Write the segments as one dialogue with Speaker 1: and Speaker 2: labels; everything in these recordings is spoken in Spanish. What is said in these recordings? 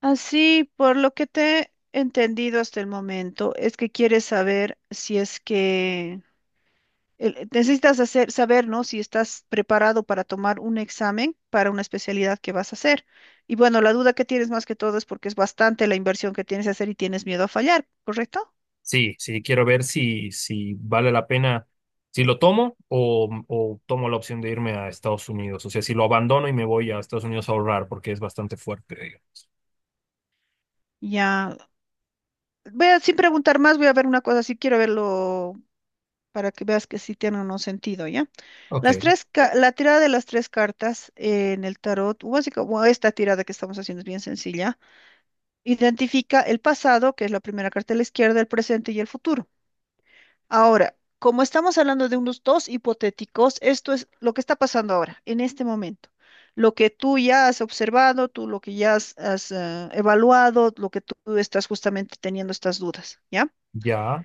Speaker 1: Así, por lo que te he entendido hasta el momento, es que quieres saber si es que necesitas hacer, saber, ¿no? Si estás preparado para tomar un examen para una especialidad que vas a hacer. Y bueno, la duda que tienes más que todo es porque es bastante la inversión que tienes que hacer y tienes miedo a fallar, ¿correcto?
Speaker 2: Sí, sí, quiero ver si vale la pena, si lo tomo o tomo la opción de irme a Estados Unidos. O sea, si lo abandono y me voy a Estados Unidos a ahorrar, porque es bastante fuerte, digamos.
Speaker 1: Ya, voy a, sin preguntar más, voy a ver una cosa, si quiero verlo para que veas que sí tiene o no sentido, ¿ya?
Speaker 2: Ok,
Speaker 1: La tirada de las tres cartas en el tarot, o así como esta tirada que estamos haciendo es bien sencilla, identifica el pasado, que es la primera carta de la izquierda, el presente y el futuro. Ahora, como estamos hablando de unos dos hipotéticos, esto es lo que está pasando ahora, en este momento. Lo que tú ya has observado, tú lo que ya has evaluado, lo que tú estás justamente teniendo estas dudas, ¿ya?
Speaker 2: ya,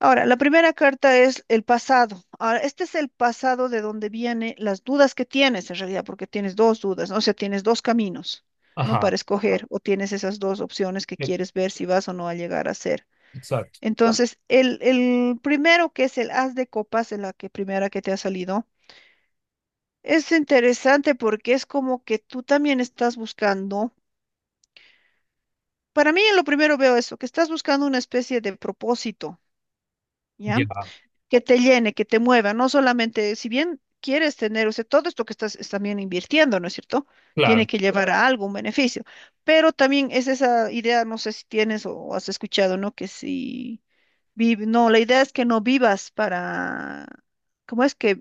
Speaker 1: Ahora, la primera carta es el pasado. Ahora, este es el pasado de donde vienen las dudas que tienes en realidad, porque tienes dos dudas, ¿no? O sea, tienes dos caminos, ¿no?
Speaker 2: ajá,
Speaker 1: Para escoger, o tienes esas dos opciones que
Speaker 2: e-
Speaker 1: quieres ver si vas o no a llegar a ser.
Speaker 2: exacto,
Speaker 1: Entonces, el primero que es el as de copas, es la que primera que te ha salido, es interesante porque es como que tú también estás buscando, para mí en lo primero veo eso, que estás buscando una especie de propósito, ¿ya?
Speaker 2: ya,
Speaker 1: Que te llene, que te mueva, no solamente, si bien quieres tener, o sea, todo esto que estás es también invirtiendo, ¿no es cierto? Tiene
Speaker 2: claro.
Speaker 1: que llevar a algo, un beneficio, pero también es esa idea, no sé si tienes o has escuchado, ¿no? Que si vive, no, la idea es que no vivas para, ¿cómo es que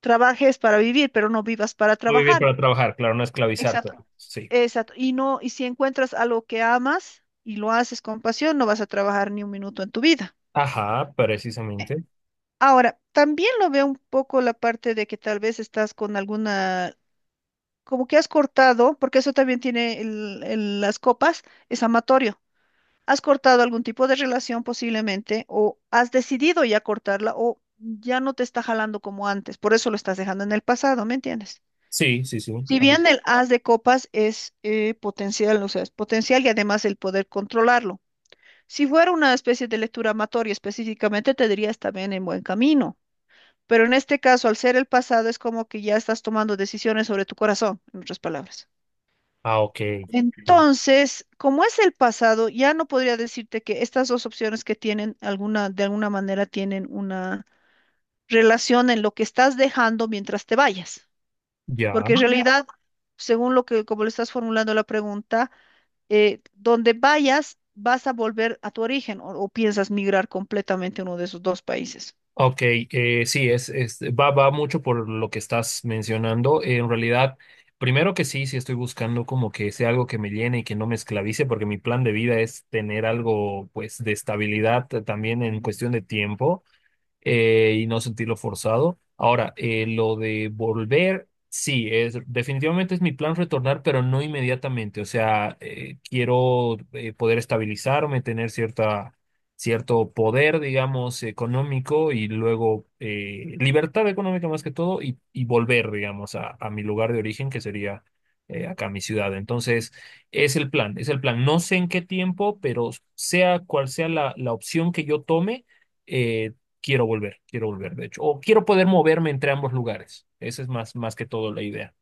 Speaker 1: trabajes para vivir, pero no vivas para
Speaker 2: No vivir
Speaker 1: trabajar?
Speaker 2: para trabajar, claro, no esclavizar, pero
Speaker 1: Exacto.
Speaker 2: sí.
Speaker 1: Exacto. Y no, y si encuentras algo que amas y lo haces con pasión, no vas a trabajar ni un minuto en tu vida.
Speaker 2: Ajá, precisamente.
Speaker 1: Ahora, también lo veo un poco la parte de que tal vez estás con alguna, como que has cortado, porque eso también tiene las copas, es amatorio. Has cortado algún tipo de relación posiblemente, o has decidido ya cortarla, o ya no te está jalando como antes, por eso lo estás dejando en el pasado, ¿me entiendes?
Speaker 2: Sí, sí, sí.
Speaker 1: Si
Speaker 2: Ah,
Speaker 1: bien el as de copas es potencial, o sea, es potencial y además el poder controlarlo. Si fuera una especie de lectura amatoria específicamente, te dirías también en buen camino. Pero en este caso, al ser el pasado, es como que ya estás tomando decisiones sobre tu corazón, en otras palabras.
Speaker 2: ah, ok, sí,
Speaker 1: Entonces, como es el pasado, ya no podría decirte que estas dos opciones que tienen alguna, de alguna manera tienen una relación en lo que estás dejando mientras te vayas.
Speaker 2: ya.
Speaker 1: Porque en, ya, realidad, según lo que, como le estás formulando la pregunta, donde vayas, vas a volver a tu origen o piensas migrar completamente a uno de esos dos países.
Speaker 2: Ok, sí, va, va mucho por lo que estás mencionando. En realidad, primero que sí, sí estoy buscando como que sea algo que me llene y que no me esclavice, porque mi plan de vida es tener algo pues de estabilidad también en cuestión de tiempo y no sentirlo forzado. Ahora, lo de volver, sí, es, definitivamente es mi plan retornar, pero no inmediatamente. O sea, quiero poder estabilizarme, tener cierto poder, digamos, económico y luego libertad económica más que todo y volver, digamos, a mi lugar de origen, que sería acá mi ciudad. Entonces, es el plan, es el plan. No sé en qué tiempo, pero sea cual sea la opción que yo tome, eh, quiero volver, de hecho, o quiero poder moverme entre ambos lugares. Esa es más, más que todo la idea.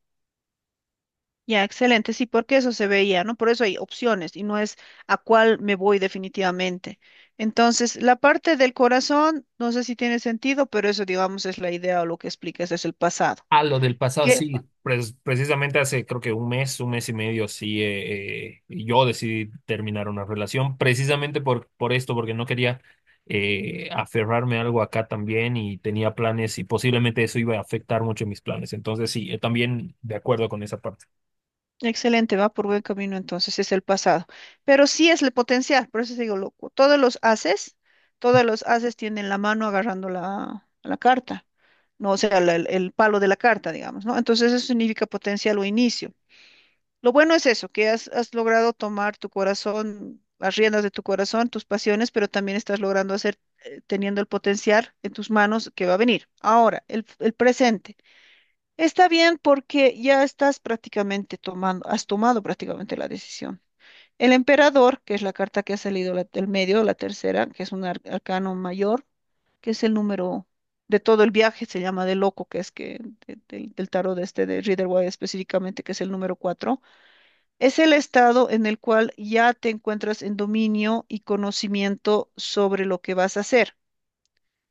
Speaker 1: Ya, excelente, sí, porque eso se veía, ¿no? Por eso hay opciones y no es a cuál me voy definitivamente. Entonces, la parte del corazón, no sé si tiene sentido, pero eso, digamos, es la idea o lo que explicas, es el pasado.
Speaker 2: Ah, lo del pasado,
Speaker 1: Que,
Speaker 2: sí, pues precisamente hace creo que un mes y medio, sí, yo decidí terminar una relación, precisamente por esto, porque no quería aferrarme a algo acá también y tenía planes y posiblemente eso iba a afectar mucho mis planes. Entonces, sí, también de acuerdo con esa parte.
Speaker 1: Excelente, va por buen camino entonces, es el pasado. Pero sí es el potencial, por eso te digo, loco, todos los haces tienen la mano agarrando la carta, ¿no? O sea, el palo de la carta, digamos, ¿no? Entonces, eso significa potencial o inicio. Lo bueno es eso, que has logrado tomar tu corazón, las riendas de tu corazón, tus pasiones, pero también estás logrando hacer, teniendo el potencial en tus manos que va a venir. Ahora, el presente. Está bien porque ya estás prácticamente tomando, has tomado prácticamente la decisión. El emperador, que es la carta que ha salido del medio, la tercera, que es un arcano mayor, que es el número de todo el viaje, se llama de loco, que es que del tarot de este de Rider Waite específicamente, que es el número cuatro. Es el estado en el cual ya te encuentras en dominio y conocimiento sobre lo que vas a hacer,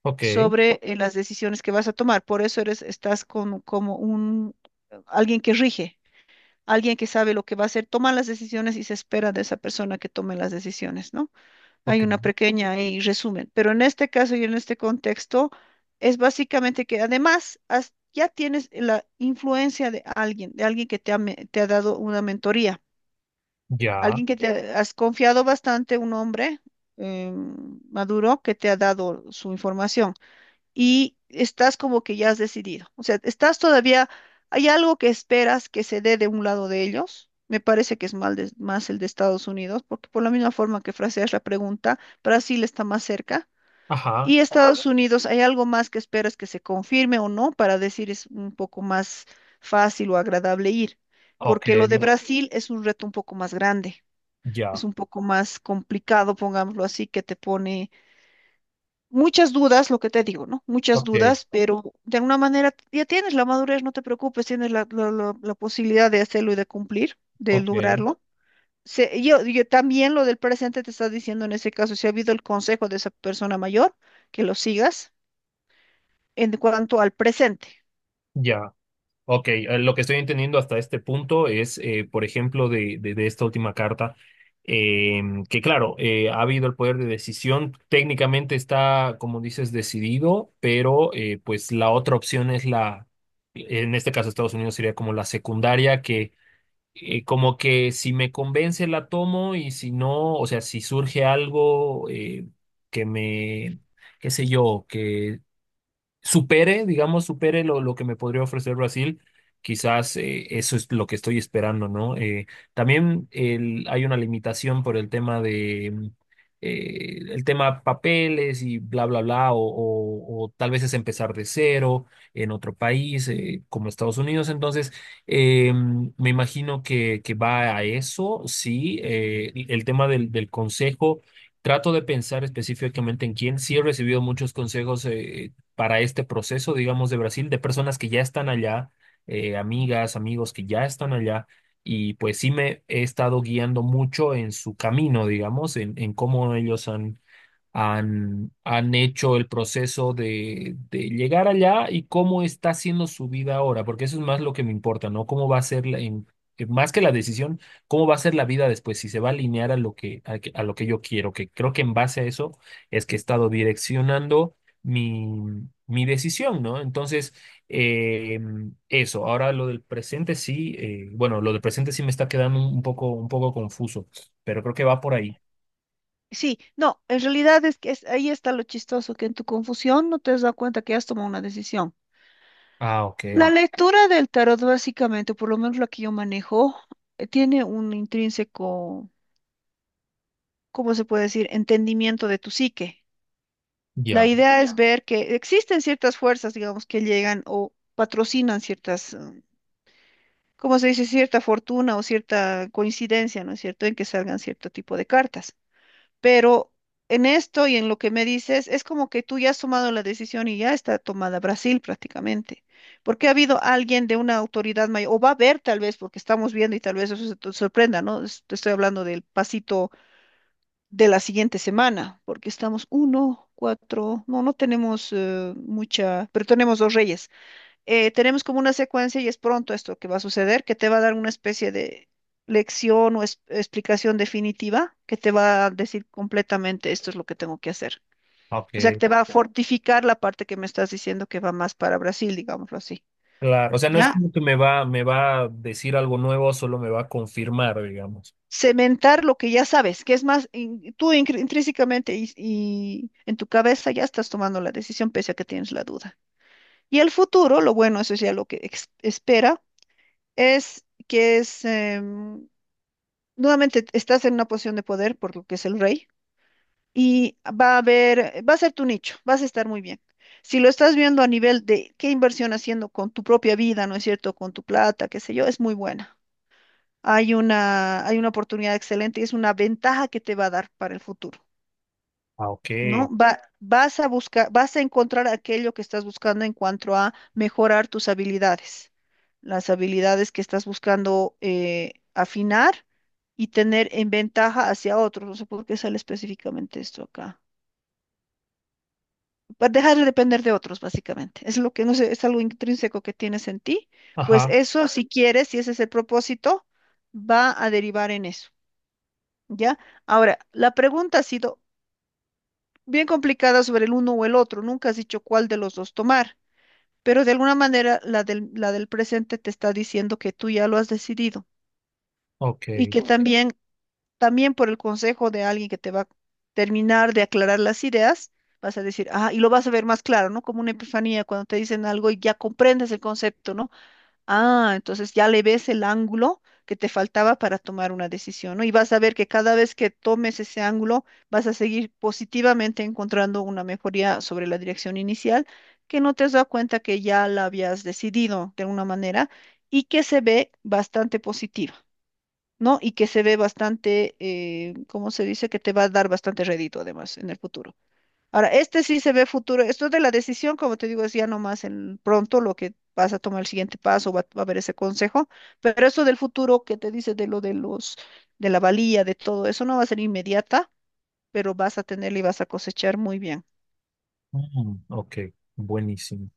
Speaker 2: Ok,
Speaker 1: sobre las decisiones que vas a tomar. Por eso eres, estás como un alguien que rige, alguien que sabe lo que va a hacer, toma las decisiones y se espera de esa persona que tome las decisiones, ¿no? Hay
Speaker 2: ok,
Speaker 1: una pequeña ahí resumen, pero en este caso y en este contexto es básicamente que además ya tienes la influencia de alguien que te ha te ha dado una mentoría.
Speaker 2: ya,
Speaker 1: Alguien que te has confiado bastante, un hombre eh, maduro que te ha dado su información y estás como que ya has decidido. O sea, estás todavía, hay algo que esperas que se dé de un lado de ellos. Me parece que es más el de Estados Unidos, porque por la misma forma que fraseas la pregunta, Brasil está más cerca.
Speaker 2: ajá,
Speaker 1: Y Estados Unidos, ¿hay algo más que esperas que se confirme o no para decir es un poco más fácil o agradable ir?
Speaker 2: ok,
Speaker 1: Porque lo de Brasil es un reto un poco más grande,
Speaker 2: ya,
Speaker 1: es un poco más complicado, pongámoslo así, que te pone muchas dudas, lo que te digo, ¿no? Muchas
Speaker 2: ok,
Speaker 1: dudas, pero de alguna manera ya tienes la madurez, no te preocupes, tienes la posibilidad de hacerlo y de cumplir, de
Speaker 2: ok,
Speaker 1: lograrlo. Yo también lo del presente te está diciendo en ese caso, si ha habido el consejo de esa persona mayor, que lo sigas en cuanto al presente.
Speaker 2: ya. Ok, lo que estoy entendiendo hasta este punto es, por ejemplo, de esta última carta, eh, que claro, ha habido el poder de decisión, técnicamente está, como dices, decidido, pero pues la otra opción es la, en este caso Estados Unidos sería como la secundaria, que como que si me convence la tomo y si no, o sea, si surge algo que me, qué sé yo, supere, digamos, supere lo que me podría ofrecer Brasil, quizás eso es lo que estoy esperando, ¿no? También el- hay una limitación por el tema de el tema papeles y bla, bla, bla, o, o tal vez es empezar de cero en otro país, como Estados Unidos. Entonces, me imagino que va a eso, sí, el tema del consejo. Trato de pensar específicamente en quién. Sí he recibido muchos consejos, para este proceso, digamos, de Brasil, de personas que ya están allá, amigas, amigos que ya están allá, y pues sí me he estado guiando mucho en su camino, digamos, en cómo ellos han hecho el proceso de llegar allá y cómo está siendo su vida ahora, porque eso es más lo que me importa, ¿no? ¿Cómo va a ser, más que la decisión, cómo va a ser la vida después, si se va a alinear a lo que, a, a lo que yo quiero, que creo que en base a eso es que he estado direccionando mi, mi decisión, ¿no? Entonces, eh, eso, ahora lo del presente sí, bueno, lo del presente sí me está quedando un poco confuso, pero creo que va por ahí.
Speaker 1: Sí, no, en realidad es que ahí está lo chistoso, que en tu confusión no te has dado cuenta que has tomado una decisión.
Speaker 2: Ah, ok,
Speaker 1: La lectura del tarot, básicamente, por lo menos la que yo manejo, tiene un intrínseco, ¿cómo se puede decir?, entendimiento de tu psique. La
Speaker 2: ya,
Speaker 1: idea es, ya, ver que existen ciertas fuerzas, digamos, que llegan o patrocinan ciertas, ¿cómo se dice?, cierta fortuna o cierta coincidencia, ¿no es cierto?, en que salgan cierto tipo de cartas. Pero en esto y en lo que me dices, es como que tú ya has tomado la decisión y ya está tomada Brasil prácticamente. Porque ha habido alguien de una autoridad mayor, o va a haber tal vez, porque estamos viendo y tal vez eso se te sorprenda, ¿no? Te estoy hablando del pasito de la siguiente semana, porque estamos uno, cuatro, no, no tenemos mucha, pero tenemos dos reyes, tenemos como una secuencia y es pronto esto que va a suceder, que te va a dar una especie de lección o explicación definitiva que te va a decir completamente esto es lo que tengo que hacer. O sea, que
Speaker 2: ok.
Speaker 1: te va a, ok, fortificar la parte que me estás diciendo que va más para Brasil, digámoslo así.
Speaker 2: Claro. O claro. Sea, no es
Speaker 1: Ya,
Speaker 2: como que me va a decir algo nuevo, solo me va a confirmar, digamos.
Speaker 1: cementar lo que ya sabes, que es más, tú intrínsecamente y en tu cabeza ya estás tomando la decisión pese a que tienes la duda. Y el futuro, lo bueno, eso es ya lo que espera, es que es nuevamente estás en una posición de poder, por lo que es el rey, y va a haber, va a ser tu nicho, vas a estar muy bien. Si lo estás viendo a nivel de qué inversión haciendo con tu propia vida, ¿no es cierto? Con tu plata, qué sé yo, es muy buena. Hay una oportunidad excelente y es una ventaja que te va a dar para el futuro.
Speaker 2: Ah, ok.
Speaker 1: ¿No? Vas a buscar, vas a encontrar aquello que estás buscando en cuanto a mejorar tus habilidades, las habilidades que estás buscando afinar y tener en ventaja hacia otros. No sé por qué sale específicamente esto acá. Para dejar de depender de otros, básicamente. Es lo que no sé, es algo intrínseco que tienes en ti. Pues
Speaker 2: Ajá,
Speaker 1: eso, si quieres, si ese es el propósito, va a derivar en eso. ¿Ya? Ahora, la pregunta ha sido, bien complicada sobre el uno o el otro, nunca has dicho cuál de los dos tomar, pero de alguna manera la del presente te está diciendo que tú ya lo has decidido y
Speaker 2: ok.
Speaker 1: que, ok, también, también por el consejo de alguien que te va a terminar de aclarar las ideas, vas a decir, ah, y lo vas a ver más claro, ¿no? Como una epifanía cuando te dicen algo y ya comprendes el concepto, ¿no? Ah, entonces ya le ves el ángulo que te faltaba para tomar una decisión, ¿no? Y vas a ver que cada vez que tomes ese ángulo, vas a seguir positivamente encontrando una mejoría sobre la dirección inicial, que no te has dado cuenta que ya la habías decidido de alguna manera y que se ve bastante positiva, ¿no? Y que se ve bastante, ¿cómo se dice? Que te va a dar bastante rédito además en el futuro. Ahora, este sí se ve futuro. Esto de la decisión, como te digo, es ya nomás en pronto lo que vas a tomar el siguiente paso, va a haber ese consejo, pero eso del futuro que te dice de lo de los, de la valía, de todo, eso no va a ser inmediata, pero vas a tenerla y vas a cosechar muy bien.
Speaker 2: Mm, ok, buenísimo.